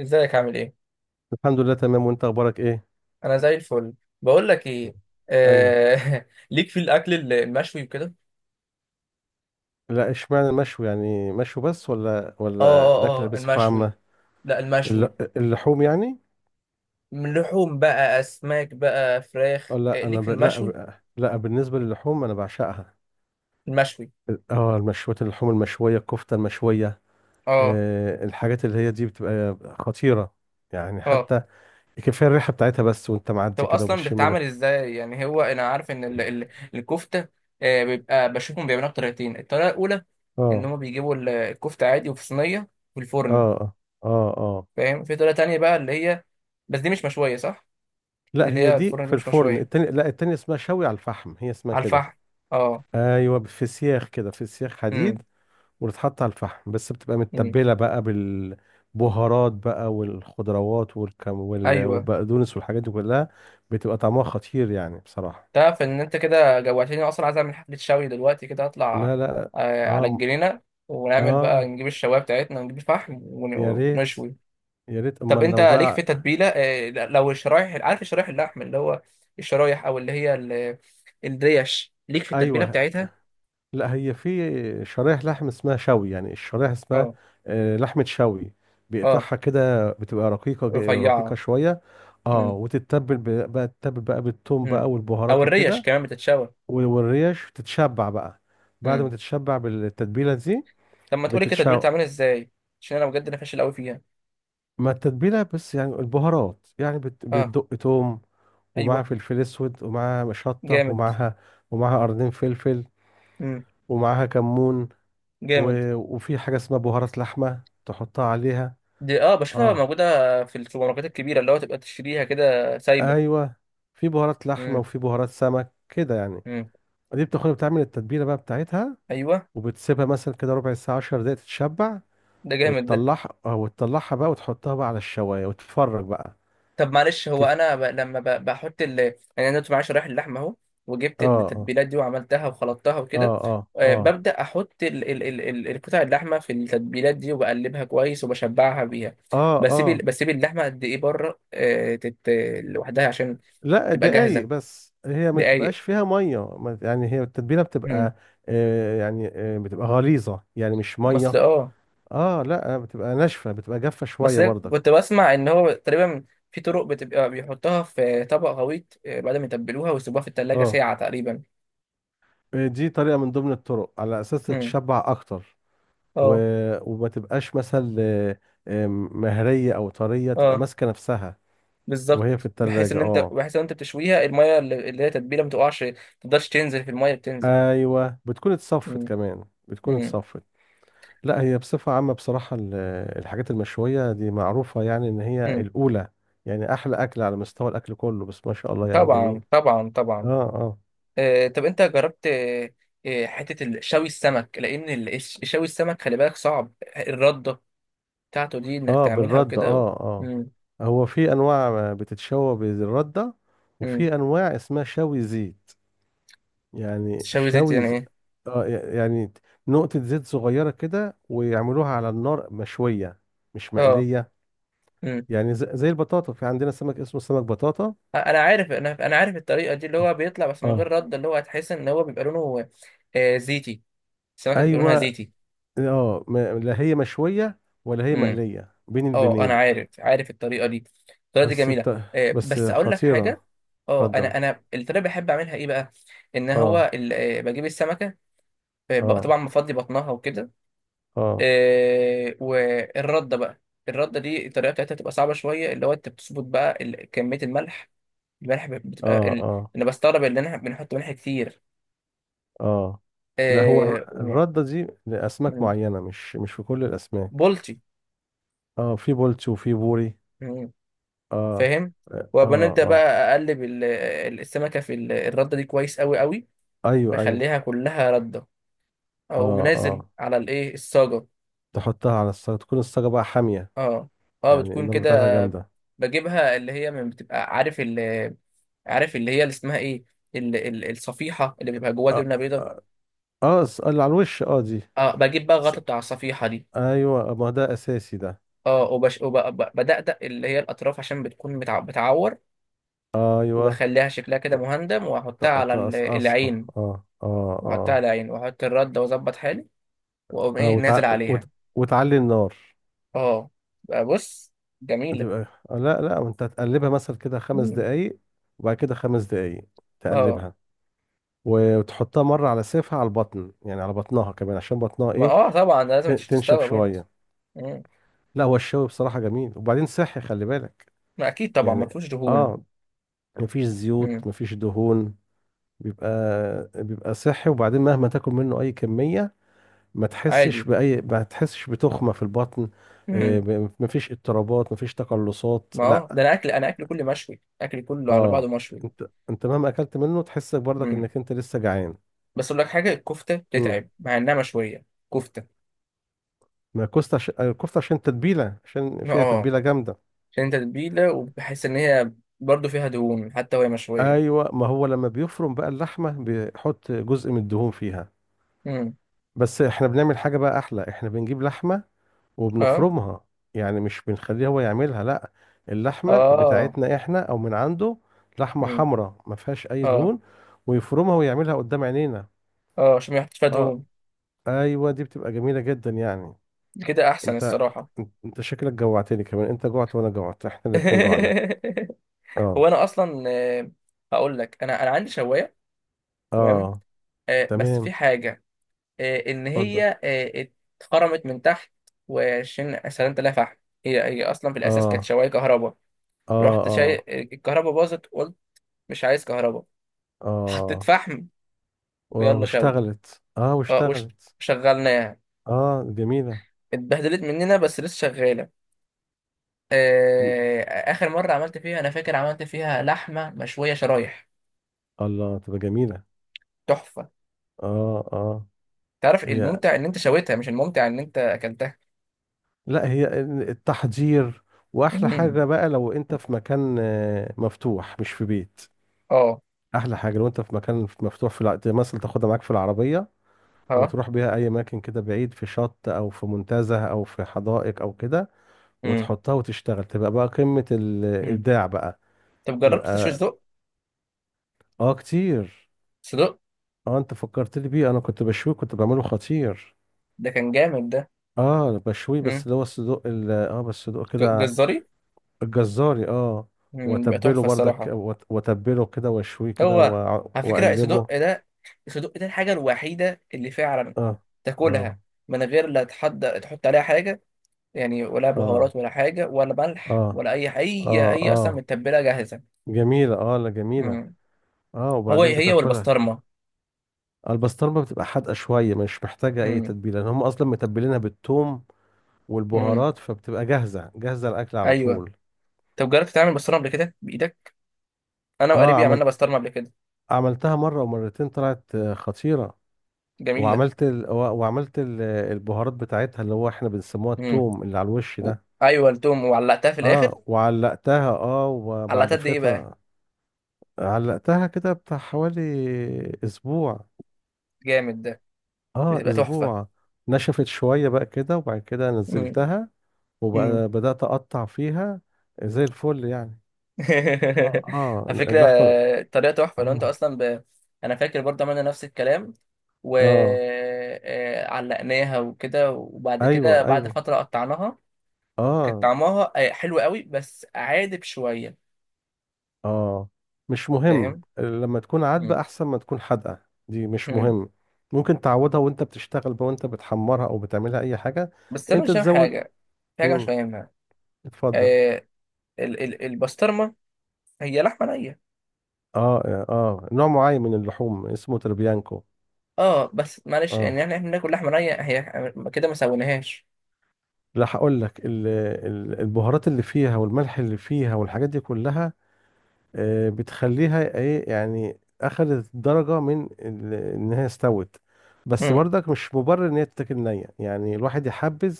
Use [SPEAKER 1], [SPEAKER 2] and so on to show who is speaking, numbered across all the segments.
[SPEAKER 1] ازيك عامل ايه؟
[SPEAKER 2] الحمد لله، تمام. وانت اخبارك ايه؟
[SPEAKER 1] انا زي الفل. بقول لك ايه؟
[SPEAKER 2] ايوه.
[SPEAKER 1] ليك في الاكل المشوي وكده.
[SPEAKER 2] لا، اشمعنى المشوي؟ يعني مشوي بس ولا
[SPEAKER 1] اه،
[SPEAKER 2] ولا الاكل
[SPEAKER 1] اه، اه،
[SPEAKER 2] بصفه
[SPEAKER 1] المشوي.
[SPEAKER 2] عامه؟
[SPEAKER 1] لا،
[SPEAKER 2] الل-
[SPEAKER 1] المشوي.
[SPEAKER 2] اللحوم يعني.
[SPEAKER 1] من لحوم بقى، اسماك بقى،
[SPEAKER 2] اه،
[SPEAKER 1] فراخ،
[SPEAKER 2] لا، انا
[SPEAKER 1] ليك في المشوي.
[SPEAKER 2] لا بالنسبه للحوم انا بعشقها.
[SPEAKER 1] المشوي.
[SPEAKER 2] اه، المشويات، اللحوم المشويه، الكفته المشويه.
[SPEAKER 1] اه،
[SPEAKER 2] الحاجات اللي هي دي بتبقى خطيره، يعني
[SPEAKER 1] اه.
[SPEAKER 2] حتى كفايه الريحه بتاعتها، بس وانت
[SPEAKER 1] طب
[SPEAKER 2] معدي كده
[SPEAKER 1] اصلا
[SPEAKER 2] وبتشم
[SPEAKER 1] بتتعمل
[SPEAKER 2] الريحه.
[SPEAKER 1] ازاي؟ يعني هو انا عارف ان الكفته. بيبقى بشوفهم بيعملوها بطريقتين، الطريقه الاولى ان
[SPEAKER 2] اه.
[SPEAKER 1] هم بيجيبوا الكفته عادي وفي صينيه في الفرن.
[SPEAKER 2] اه. اه. اه. اه.
[SPEAKER 1] فاهم، في طريقه تانية بقى اللي هي بس دي مش مشويه صح؟ دي
[SPEAKER 2] لا،
[SPEAKER 1] اللي
[SPEAKER 2] هي
[SPEAKER 1] هي
[SPEAKER 2] دي
[SPEAKER 1] الفرن، دي
[SPEAKER 2] في
[SPEAKER 1] مش
[SPEAKER 2] الفرن.
[SPEAKER 1] مشويه
[SPEAKER 2] التاني، لا، التاني اسمها شوي على الفحم، هي اسمها
[SPEAKER 1] على
[SPEAKER 2] كده.
[SPEAKER 1] الفحم. اه.
[SPEAKER 2] ايوه، في سياخ كده، في سياخ حديد،
[SPEAKER 1] امم
[SPEAKER 2] وتتحط على الفحم، بس بتبقى
[SPEAKER 1] امم
[SPEAKER 2] متبله بقى بالبهارات بقى، والخضروات، والكم، وال-
[SPEAKER 1] ايوه.
[SPEAKER 2] والبقدونس والحاجات دي كلها. بتبقى طعمها خطير، يعني بصراحه.
[SPEAKER 1] تعرف ان انت كده جوعتني؟ اصلا عايز اعمل حفله شوي دلوقتي كده اطلع
[SPEAKER 2] لا، لا.
[SPEAKER 1] على
[SPEAKER 2] اه.
[SPEAKER 1] الجنينه، ونعمل بقى،
[SPEAKER 2] اه.
[SPEAKER 1] نجيب الشوايه بتاعتنا ونجيب الفحم
[SPEAKER 2] يا ريت،
[SPEAKER 1] ونشوي.
[SPEAKER 2] يا ريت
[SPEAKER 1] طب
[SPEAKER 2] امال
[SPEAKER 1] انت
[SPEAKER 2] لو
[SPEAKER 1] ليك في
[SPEAKER 2] بقى.
[SPEAKER 1] تتبيله؟ لو الشرايح، عارف الشرايح، اللحم اللي هو الشرايح، او اللي هي الريش، ليك في التتبيله
[SPEAKER 2] ايوه.
[SPEAKER 1] بتاعتها؟
[SPEAKER 2] لا، هي في شرايح لحم اسمها شوي، يعني الشرايح اسمها
[SPEAKER 1] اه،
[SPEAKER 2] لحمة شوي.
[SPEAKER 1] اه،
[SPEAKER 2] بيقطعها كده، بتبقى رقيقة، رقيقة
[SPEAKER 1] رفيعه.
[SPEAKER 2] شوية. اه،
[SPEAKER 1] امم
[SPEAKER 2] وتتبل بقى، تتبل بقى بالثوم
[SPEAKER 1] امم
[SPEAKER 2] بقى
[SPEAKER 1] او
[SPEAKER 2] والبهارات
[SPEAKER 1] الريش
[SPEAKER 2] وكده.
[SPEAKER 1] كمان بتتشوى.
[SPEAKER 2] والريش تتشبع بقى بعد ما
[SPEAKER 1] امم
[SPEAKER 2] تتشبع بالتتبيلة دي.
[SPEAKER 1] طب ما تقولي كده، التتبيله
[SPEAKER 2] بتتشوح.
[SPEAKER 1] بتعملها ازاي؟ عشان انا بجد انا فاشل قوي فيها.
[SPEAKER 2] ما التتبيلة بس يعني البهارات، يعني بت-
[SPEAKER 1] اه،
[SPEAKER 2] بتدق توم، ومعاها
[SPEAKER 1] ايوه،
[SPEAKER 2] فلفل اسود، ومعاها شطة،
[SPEAKER 1] جامد.
[SPEAKER 2] ومعاها، ومعاها قرنين فلفل،
[SPEAKER 1] امم
[SPEAKER 2] ومعاها كمون،
[SPEAKER 1] جامد.
[SPEAKER 2] وفي حاجة اسمها بهارات لحمة تحطها عليها.
[SPEAKER 1] دي، اه، بشوفها
[SPEAKER 2] اه.
[SPEAKER 1] موجودة في السوبر ماركتات الكبيرة، اللي هو تبقى تشتريها كده سايبة.
[SPEAKER 2] ايوه، في بهارات لحمة
[SPEAKER 1] امم
[SPEAKER 2] وفي بهارات سمك كده يعني.
[SPEAKER 1] امم
[SPEAKER 2] دي بتاخدها بتعمل التتبيلة بقى بتاعتها،
[SPEAKER 1] ايوه.
[SPEAKER 2] وبتسيبها مثلا كده ربع ساعة، 10 دقايق تتشبع،
[SPEAKER 1] ده جامد ده.
[SPEAKER 2] وتطلعها بقى، وتحطها بقى على الشواية وتتفرج بقى.
[SPEAKER 1] طب معلش، هو
[SPEAKER 2] كيف؟
[SPEAKER 1] انا لما بحط يعني انا دلوقتي معايا شرايح اللحمة اهو، وجبت
[SPEAKER 2] اه. اه.
[SPEAKER 1] التتبيلات دي وعملتها وخلطتها
[SPEAKER 2] اه.
[SPEAKER 1] وكده.
[SPEAKER 2] اه. اه.
[SPEAKER 1] ببدأ احط القطع اللحمة في التتبيلات دي، وبقلبها كويس وبشبعها بيها.
[SPEAKER 2] اه. اه.
[SPEAKER 1] بسيب اللحمة قد ايه بره؟ لوحدها عشان
[SPEAKER 2] لا،
[SPEAKER 1] تبقى
[SPEAKER 2] دقايق
[SPEAKER 1] جاهزة
[SPEAKER 2] بس. هي ما
[SPEAKER 1] دقايق.
[SPEAKER 2] بتبقاش فيها ميه، يعني هي التتبيله
[SPEAKER 1] امم
[SPEAKER 2] بتبقى يعني، بتبقى غليظه، يعني مش
[SPEAKER 1] اصل
[SPEAKER 2] ميه.
[SPEAKER 1] اه.
[SPEAKER 2] اه، لا، بتبقى ناشفة، بتبقى جافة
[SPEAKER 1] بس
[SPEAKER 2] شوية
[SPEAKER 1] أنا
[SPEAKER 2] برضك.
[SPEAKER 1] كنت بسمع ان هو تقريبا في طرق بتبقى بيحطها في طبق غويط، بعد ما يتبلوها ويسيبوها في التلاجة
[SPEAKER 2] اه،
[SPEAKER 1] ساعة تقريبا.
[SPEAKER 2] دي طريقة من ضمن الطرق على اساس
[SPEAKER 1] امم
[SPEAKER 2] تتشبع اكتر و...
[SPEAKER 1] اه،
[SPEAKER 2] وما تبقاش مثلا مهرية او طرية، تبقى
[SPEAKER 1] اه،
[SPEAKER 2] ماسكة نفسها وهي في
[SPEAKER 1] بالظبط، بحيث
[SPEAKER 2] التلاجة.
[SPEAKER 1] ان انت
[SPEAKER 2] اه،
[SPEAKER 1] بحيث ان انت بتشويها، المية اللي هي تتبيله ما تقعش، ما تقدرش تنزل في المية بتنزل.
[SPEAKER 2] ايوه، بتكون اتصفت
[SPEAKER 1] امم
[SPEAKER 2] كمان، بتكون
[SPEAKER 1] امم
[SPEAKER 2] اتصفت. لا، هي بصفة عامة بصراحة الحاجات المشوية دي معروفة، يعني ان هي
[SPEAKER 1] امم
[SPEAKER 2] الاولى، يعني احلى اكل على مستوى الاكل كله، بس ما شاء الله يعني
[SPEAKER 1] طبعا،
[SPEAKER 2] جميل.
[SPEAKER 1] طبعا،
[SPEAKER 2] اه.
[SPEAKER 1] طبعا.
[SPEAKER 2] اه.
[SPEAKER 1] طب انت جربت؟ حتة شوي السمك، لان شوي السمك خلي بالك صعب، الردة بتاعته دي انك
[SPEAKER 2] اه،
[SPEAKER 1] تعملها
[SPEAKER 2] بالرده.
[SPEAKER 1] وكده.
[SPEAKER 2] اه. اه،
[SPEAKER 1] امم
[SPEAKER 2] هو في انواع بتتشوى بالرده،
[SPEAKER 1] امم
[SPEAKER 2] وفي انواع اسمها شوي زيت، يعني
[SPEAKER 1] شوي زيت
[SPEAKER 2] شوي
[SPEAKER 1] يعني ايه؟
[SPEAKER 2] اه، يعني نقطه زيت صغيره كده، ويعملوها على النار مشويه، مش
[SPEAKER 1] اه.
[SPEAKER 2] مقليه.
[SPEAKER 1] امم
[SPEAKER 2] يعني زي البطاطا، في عندنا سمك اسمه سمك بطاطا.
[SPEAKER 1] انا عارف، انا عارف الطريقه دي، اللي
[SPEAKER 2] اه.
[SPEAKER 1] هو بيطلع بس من غير
[SPEAKER 2] آه.
[SPEAKER 1] رد، اللي هو هتحس ان هو بيبقى لونه زيتي. السمكه تبقى لونها
[SPEAKER 2] ايوه.
[SPEAKER 1] زيتي.
[SPEAKER 2] اه، لا هي مشويه ولا هي
[SPEAKER 1] امم
[SPEAKER 2] مقليه، بين
[SPEAKER 1] اه، انا
[SPEAKER 2] البنين.
[SPEAKER 1] عارف الطريقه دي. الطريقه دي
[SPEAKER 2] بس
[SPEAKER 1] جميله،
[SPEAKER 2] بت... بس
[SPEAKER 1] بس اقول لك حاجه.
[SPEAKER 2] خطيره.
[SPEAKER 1] اه،
[SPEAKER 2] اتفضل.
[SPEAKER 1] انا الطريقه بحب اعملها ايه بقى؟ ان
[SPEAKER 2] اه.
[SPEAKER 1] هو بجيب السمكه.
[SPEAKER 2] اه.
[SPEAKER 1] طبعا بفضي بطنها وكده.
[SPEAKER 2] اه.
[SPEAKER 1] والرده بقى، الرده دي الطريقه بتاعتها بتبقى صعبه شويه، اللي هو انت بتظبط بقى كميه الملح. الملح بتبقى
[SPEAKER 2] اه. اه.
[SPEAKER 1] انا بستغرب ان احنا بنحط ملح كتير.
[SPEAKER 2] اه. لا، هو
[SPEAKER 1] آه،
[SPEAKER 2] الر-
[SPEAKER 1] و-
[SPEAKER 2] الردة دي لأسماك
[SPEAKER 1] مم،
[SPEAKER 2] معينة، مش في كل الأسماك.
[SPEAKER 1] بولتي.
[SPEAKER 2] اه، في بولتي وفي بوري.
[SPEAKER 1] مم،
[SPEAKER 2] اه.
[SPEAKER 1] فاهم.
[SPEAKER 2] اه.
[SPEAKER 1] وبنبدا بقى
[SPEAKER 2] اه.
[SPEAKER 1] اقلب السمكه في الرده دي كويس قوي قوي.
[SPEAKER 2] ايوه. ايوه.
[SPEAKER 1] بخليها كلها رده
[SPEAKER 2] اه.
[SPEAKER 1] او منازل
[SPEAKER 2] اه.
[SPEAKER 1] على الايه، الصاجه.
[SPEAKER 2] تحطها على الصاج، تكون الصاجة بقى حامية،
[SPEAKER 1] اه، اه،
[SPEAKER 2] يعني
[SPEAKER 1] بتكون
[SPEAKER 2] النار بتاعتها
[SPEAKER 1] كده.
[SPEAKER 2] جامدة.
[SPEAKER 1] بجيبها اللي هي من بتبقى عارف عارف اللي هي اللي اسمها ايه، ال ال الصفيحه اللي بيبقى جواها
[SPEAKER 2] اه.
[SPEAKER 1] جبنه بيضه.
[SPEAKER 2] اه. اللي على الوش اه دي.
[SPEAKER 1] اه، بجيب بقى
[SPEAKER 2] ص-
[SPEAKER 1] الغطا بتاع الصفيحه دي.
[SPEAKER 2] ايوه، ما ده اساسي ده.
[SPEAKER 1] اه، وبدقدق اللي هي الاطراف عشان بتكون بتعور،
[SPEAKER 2] ايوه.
[SPEAKER 1] وبخليها شكلها كده
[SPEAKER 2] ت-
[SPEAKER 1] مهندم، واحطها
[SPEAKER 2] ت-
[SPEAKER 1] على
[SPEAKER 2] تقصقصها
[SPEAKER 1] العين.
[SPEAKER 2] اه اه.
[SPEAKER 1] واحطها
[SPEAKER 2] اه.
[SPEAKER 1] على العين واحط الردة واظبط حالي، واقوم
[SPEAKER 2] اه.
[SPEAKER 1] ايه
[SPEAKER 2] وتع...
[SPEAKER 1] نازل عليها.
[SPEAKER 2] وت... وتعلي النار.
[SPEAKER 1] اه، بقى بص، جميلة.
[SPEAKER 2] هتبقى، لا، لا، وانت هتقلبها مثلا كده خمس
[SPEAKER 1] مم.
[SPEAKER 2] دقايق وبعد كده 5 دقايق
[SPEAKER 1] اه،
[SPEAKER 2] تقلبها، وتحطها مرة على سيفها على البطن، يعني على بطنها كمان، عشان بطنها
[SPEAKER 1] ما
[SPEAKER 2] ايه،
[SPEAKER 1] اه، طبعا ده
[SPEAKER 2] ت-
[SPEAKER 1] لازم مش
[SPEAKER 2] تنشف
[SPEAKER 1] تستوى برضه.
[SPEAKER 2] شوية.
[SPEAKER 1] مم.
[SPEAKER 2] لا، هو الشوي بصراحة جميل، وبعدين صحي خلي بالك
[SPEAKER 1] ما اكيد طبعا، ما
[SPEAKER 2] يعني.
[SPEAKER 1] فيهوش دهون.
[SPEAKER 2] اه، مفيش
[SPEAKER 1] مم.
[SPEAKER 2] زيوت، مفيش دهون. بيبقى بيبقى صحي، وبعدين مهما تاكل منه اي كمية،
[SPEAKER 1] عادي.
[SPEAKER 2] ما تحسش بتخمة في البطن.
[SPEAKER 1] مم.
[SPEAKER 2] مفيش اضطرابات، مفيش تقلصات،
[SPEAKER 1] ما اه،
[SPEAKER 2] لا.
[SPEAKER 1] ده انا اكل كله مشوي، اكل كله على بعضه
[SPEAKER 2] اه،
[SPEAKER 1] مشوي.
[SPEAKER 2] انت مهما اكلت منه تحس برضك
[SPEAKER 1] مم.
[SPEAKER 2] انك انت لسه جعان.
[SPEAKER 1] بس اقول لك حاجة، الكفتة
[SPEAKER 2] امم
[SPEAKER 1] بتتعب مع انها مشوية. كفتة.
[SPEAKER 2] ما الكفته الكفته عشان تتبيله، عشان فيها
[SPEAKER 1] اه،
[SPEAKER 2] تتبيله جامده.
[SPEAKER 1] عشان تتبيلة، وبحس ان هي برضه فيها دهون، حتى وهي مشوية.
[SPEAKER 2] ايوه، ما هو لما بيفرم بقى اللحمه بيحط جزء من الدهون فيها.
[SPEAKER 1] مم.
[SPEAKER 2] بس احنا بنعمل حاجه بقى احلى، احنا بنجيب لحمه
[SPEAKER 1] اه،
[SPEAKER 2] وبنفرمها، يعني مش بنخليه هو يعملها، لا. اللحمه
[SPEAKER 1] اه.
[SPEAKER 2] بتاعتنا احنا او من عنده، لحمه
[SPEAKER 1] مم.
[SPEAKER 2] حمراء ما فيهاش اي
[SPEAKER 1] اه،
[SPEAKER 2] دهون، ويفرمها ويعملها قدام عينينا.
[SPEAKER 1] اه، عشان ما يحطش فيها
[SPEAKER 2] اه،
[SPEAKER 1] دهون.
[SPEAKER 2] ايوه، دي بتبقى جميله جدا يعني.
[SPEAKER 1] كده احسن
[SPEAKER 2] انت
[SPEAKER 1] الصراحه.
[SPEAKER 2] انت شكلك جوعتني كمان. انت جوعت وانا جوعت، احنا الاتنين جوعنا.
[SPEAKER 1] هو
[SPEAKER 2] اه.
[SPEAKER 1] انا اصلا، هقول لك، انا عندي شوايه. تمام.
[SPEAKER 2] اه.
[SPEAKER 1] بس في
[SPEAKER 2] تمام.
[SPEAKER 1] حاجه، ان
[SPEAKER 2] اتفضل.
[SPEAKER 1] هي، اتخرمت من تحت. وعشان سلمت لها فحم، هي اصلا في الاساس كانت
[SPEAKER 2] اه.
[SPEAKER 1] شوايه كهرباء.
[SPEAKER 2] اه.
[SPEAKER 1] رحت شاي
[SPEAKER 2] اه.
[SPEAKER 1] الكهرباء باظت، قلت مش عايز كهرباء. حطيت
[SPEAKER 2] اه.
[SPEAKER 1] فحم.
[SPEAKER 2] وا-
[SPEAKER 1] ويلا شوي.
[SPEAKER 2] واشتغلت اه
[SPEAKER 1] اه،
[SPEAKER 2] واشتغلت
[SPEAKER 1] وشغلناها.
[SPEAKER 2] اه، جميلة.
[SPEAKER 1] اتبهدلت مننا بس لسه شغاله.
[SPEAKER 2] ان-
[SPEAKER 1] آه، اخر مره عملت فيها انا فاكر عملت فيها لحمه مشويه شرايح.
[SPEAKER 2] الله تبقى جميلة.
[SPEAKER 1] تحفه.
[SPEAKER 2] اه. اه.
[SPEAKER 1] تعرف
[SPEAKER 2] هي
[SPEAKER 1] الممتع ان انت شويتها مش الممتع ان انت اكلتها؟
[SPEAKER 2] لا، هي التحضير. واحلى
[SPEAKER 1] مم.
[SPEAKER 2] حاجة بقى لو انت في مكان مفتوح، مش في بيت.
[SPEAKER 1] اه.
[SPEAKER 2] احلى حاجة لو انت في مكان مفتوح، في مثلا تاخدها معاك في العربية،
[SPEAKER 1] ها.
[SPEAKER 2] وتروح بيها اي اماكن كده بعيد، في شط او في منتزه او في حدائق او كده،
[SPEAKER 1] مم.
[SPEAKER 2] وتحطها وتشتغل، تبقى بقى قمة
[SPEAKER 1] مم.
[SPEAKER 2] الابداع بقى.
[SPEAKER 1] طب جربت تشوي
[SPEAKER 2] يبقى
[SPEAKER 1] صدق؟
[SPEAKER 2] اه، كتير.
[SPEAKER 1] صدق.
[SPEAKER 2] اه، انت فكرت لي بيه، انا كنت بشويه، كنت بعمله خطير.
[SPEAKER 1] ده كان جامد ده.
[SPEAKER 2] اه، بشويه، بس
[SPEAKER 1] مم.
[SPEAKER 2] اللي هو الصدوق بس الصدوق كده.
[SPEAKER 1] جزاري.
[SPEAKER 2] الجزاري. اه،
[SPEAKER 1] مم، يبقى
[SPEAKER 2] واتبله
[SPEAKER 1] تحفه
[SPEAKER 2] برضك،
[SPEAKER 1] الصراحه.
[SPEAKER 2] واتبله كده، واشويه كده،
[SPEAKER 1] هو
[SPEAKER 2] وأع-
[SPEAKER 1] على فكره
[SPEAKER 2] واقلبه
[SPEAKER 1] الصدق ده، الصدق ده الحاجه الوحيده اللي فعلا
[SPEAKER 2] اه.
[SPEAKER 1] تاكلها
[SPEAKER 2] اه.
[SPEAKER 1] من غير لا تحضر تحط عليها حاجه، يعني ولا
[SPEAKER 2] اه.
[SPEAKER 1] بهارات ولا حاجه ولا ملح
[SPEAKER 2] اه.
[SPEAKER 1] ولا اي اي
[SPEAKER 2] اه.
[SPEAKER 1] اي اصلا
[SPEAKER 2] اه،
[SPEAKER 1] متبله جاهزه.
[SPEAKER 2] جميلة. اه، لا، جميلة.
[SPEAKER 1] مم.
[SPEAKER 2] اه،
[SPEAKER 1] هو
[SPEAKER 2] وبعدين
[SPEAKER 1] هي
[SPEAKER 2] بتاكلها.
[SPEAKER 1] والبسطرمه.
[SPEAKER 2] البسطرمة بتبقى حادقة شوية، مش محتاجة أي
[SPEAKER 1] مم.
[SPEAKER 2] تتبيلة، لأن هم أصلا متبلينها بالثوم
[SPEAKER 1] مم.
[SPEAKER 2] والبهارات، فبتبقى جاهزة، جاهزة الأكل على
[SPEAKER 1] ايوه.
[SPEAKER 2] طول.
[SPEAKER 1] طب جربت تعمل بسطرمه قبل كده بايدك؟ انا
[SPEAKER 2] اه،
[SPEAKER 1] وقريبي عملنا
[SPEAKER 2] عملت
[SPEAKER 1] بسطرمه قبل كده.
[SPEAKER 2] عملتها مرة ومرتين، طلعت خطيرة.
[SPEAKER 1] جميله.
[SPEAKER 2] وعملت ال... و- وعملت البهارات بتاعتها، اللي هو احنا بنسموها
[SPEAKER 1] مم.
[SPEAKER 2] الثوم اللي على الوش
[SPEAKER 1] و...
[SPEAKER 2] ده.
[SPEAKER 1] ايوه، التوم، وعلقتها في الاخر.
[SPEAKER 2] اه، وعلقتها. اه، وبعد
[SPEAKER 1] علقتها قد ايه بقى؟
[SPEAKER 2] فترة، علقتها كده بتاع حوالي أسبوع.
[SPEAKER 1] جامد ده.
[SPEAKER 2] اه،
[SPEAKER 1] بتبقى تحفه.
[SPEAKER 2] أسبوع. نشفت شوية بقى كده، وبعد كده
[SPEAKER 1] مم.
[SPEAKER 2] نزلتها
[SPEAKER 1] مم.
[SPEAKER 2] وبدأت أقطع فيها، زي الفل يعني. اه. اه.
[SPEAKER 1] على فكره،
[SPEAKER 2] اللحمة.
[SPEAKER 1] الطريقه تحفه لو انت
[SPEAKER 2] اه.
[SPEAKER 1] اصلا انا فاكر برضه عملنا نفس الكلام،
[SPEAKER 2] اه.
[SPEAKER 1] وعلقناها وكده، وبعد
[SPEAKER 2] ايوه.
[SPEAKER 1] كده بعد
[SPEAKER 2] ايوه.
[SPEAKER 1] فتره قطعناها. كان
[SPEAKER 2] اه.
[SPEAKER 1] طعمها حلو قوي بس عادب شويه.
[SPEAKER 2] اه. مش مهم،
[SPEAKER 1] فاهم.
[SPEAKER 2] لما تكون عادبة احسن ما تكون حادقة. دي مش
[SPEAKER 1] مم.
[SPEAKER 2] مهم. ممكن تعوضها وانت بتشتغل بقى، وانت بتحمرها او بتعملها اي حاجة.
[SPEAKER 1] بس انا
[SPEAKER 2] انت
[SPEAKER 1] مش فاهم
[SPEAKER 2] تزود.
[SPEAKER 1] حاجه، في حاجه مش
[SPEAKER 2] امم
[SPEAKER 1] فاهمها.
[SPEAKER 2] اتفضل.
[SPEAKER 1] آه ال ال البسطرمه، هي لحمه نيه؟
[SPEAKER 2] اه. اه، نوع معين من اللحوم اسمه تربيانكو.
[SPEAKER 1] اه، بس معلش،
[SPEAKER 2] اه،
[SPEAKER 1] يعني احنا بناكل لحمه نيه؟ هي كده ما سويناهاش.
[SPEAKER 2] لا، هقول لك البهارات اللي فيها والملح اللي فيها والحاجات دي كلها، بتخليها ايه، يعني اخدت درجة من ان هي استوت. بس
[SPEAKER 1] مم.
[SPEAKER 2] برضك مش مبرر ان هي تتاكل نية، يعني الواحد يحبذ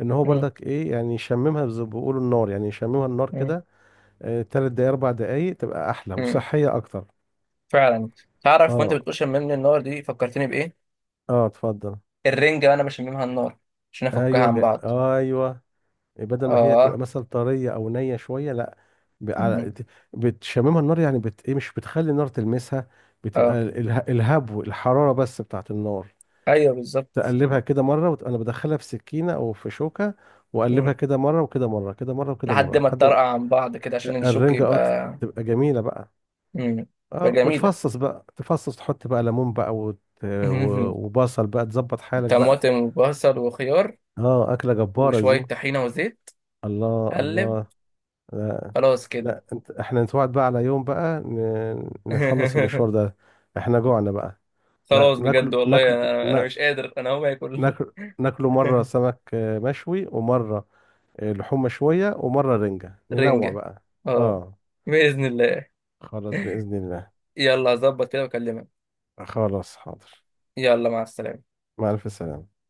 [SPEAKER 2] ان هو
[SPEAKER 1] مم.
[SPEAKER 2] برضك ايه، يعني يشممها زي ما بيقولوا النار، يعني يشممها النار
[SPEAKER 1] مم.
[SPEAKER 2] كده. 3 دقايق، 4 دقايق، تبقى احلى
[SPEAKER 1] مم.
[SPEAKER 2] وصحية اكتر.
[SPEAKER 1] فعلا. تعرف، وانت
[SPEAKER 2] اه.
[SPEAKER 1] بتقول شممني النار، دي فكرتني بايه؟
[SPEAKER 2] اه. اتفضل.
[SPEAKER 1] الرنجه انا بشممها النار عشان افكها
[SPEAKER 2] ايوه،
[SPEAKER 1] عن بعض.
[SPEAKER 2] ايوه. بدل ما هي تبقى
[SPEAKER 1] اه.
[SPEAKER 2] مثلا طريه او نيه شويه، لا. ب-
[SPEAKER 1] مم.
[SPEAKER 2] على- بتشممها النار، يعني ايه، مش بتخلي النار تلمسها. بتبقى
[SPEAKER 1] اه،
[SPEAKER 2] الهبو، الحراره بس بتاعت النار.
[SPEAKER 1] ايوه، بالظبط.
[SPEAKER 2] تقلبها كده مرة أنا بدخلها في سكينة أو في شوكة،
[SPEAKER 1] مم.
[SPEAKER 2] وأقلبها كده مرة وكده مرة، كده مرة وكده
[SPEAKER 1] لحد
[SPEAKER 2] مرة،
[SPEAKER 1] ما
[SPEAKER 2] لحد ما
[SPEAKER 1] تطرقع عن بعض كده، عشان الشوك
[SPEAKER 2] الرنجة أه، ت-
[SPEAKER 1] يبقى.
[SPEAKER 2] تبقى جميلة بقى.
[SPEAKER 1] مم. تبقى
[SPEAKER 2] أه،
[SPEAKER 1] جميله.
[SPEAKER 2] وتفصص بقى، تفصص، تحط بقى ليمون بقى، و... وبصل بقى، تظبط حالك بقى.
[SPEAKER 1] طماطم وبصل وخيار،
[SPEAKER 2] أه، أكلة جبارة دي.
[SPEAKER 1] وشوية طحينة وزيت.
[SPEAKER 2] الله،
[SPEAKER 1] قلب.
[SPEAKER 2] الله. لا،
[SPEAKER 1] خلاص كده.
[SPEAKER 2] لا، إحنا نتوعد بقى على يوم بقى، نخلص المشوار ده. إحنا جوعنا بقى. نا-
[SPEAKER 1] خلاص بجد
[SPEAKER 2] ناكل
[SPEAKER 1] والله،
[SPEAKER 2] ناكل
[SPEAKER 1] أنا
[SPEAKER 2] نا-
[SPEAKER 1] مش قادر، أنا هقوم آكل.
[SPEAKER 2] ناكل ناكله مرة سمك مشوي، ومرة لحوم شوية، ومرة رنجة، ننوع
[SPEAKER 1] رنجة.
[SPEAKER 2] بقى.
[SPEAKER 1] أه.
[SPEAKER 2] اه،
[SPEAKER 1] بإذن الله.
[SPEAKER 2] خلاص، بإذن الله.
[SPEAKER 1] يلا، هظبط كده وأكلمك.
[SPEAKER 2] خلاص، حاضر.
[SPEAKER 1] يلا، مع السلامة.
[SPEAKER 2] مع ألف سلامة.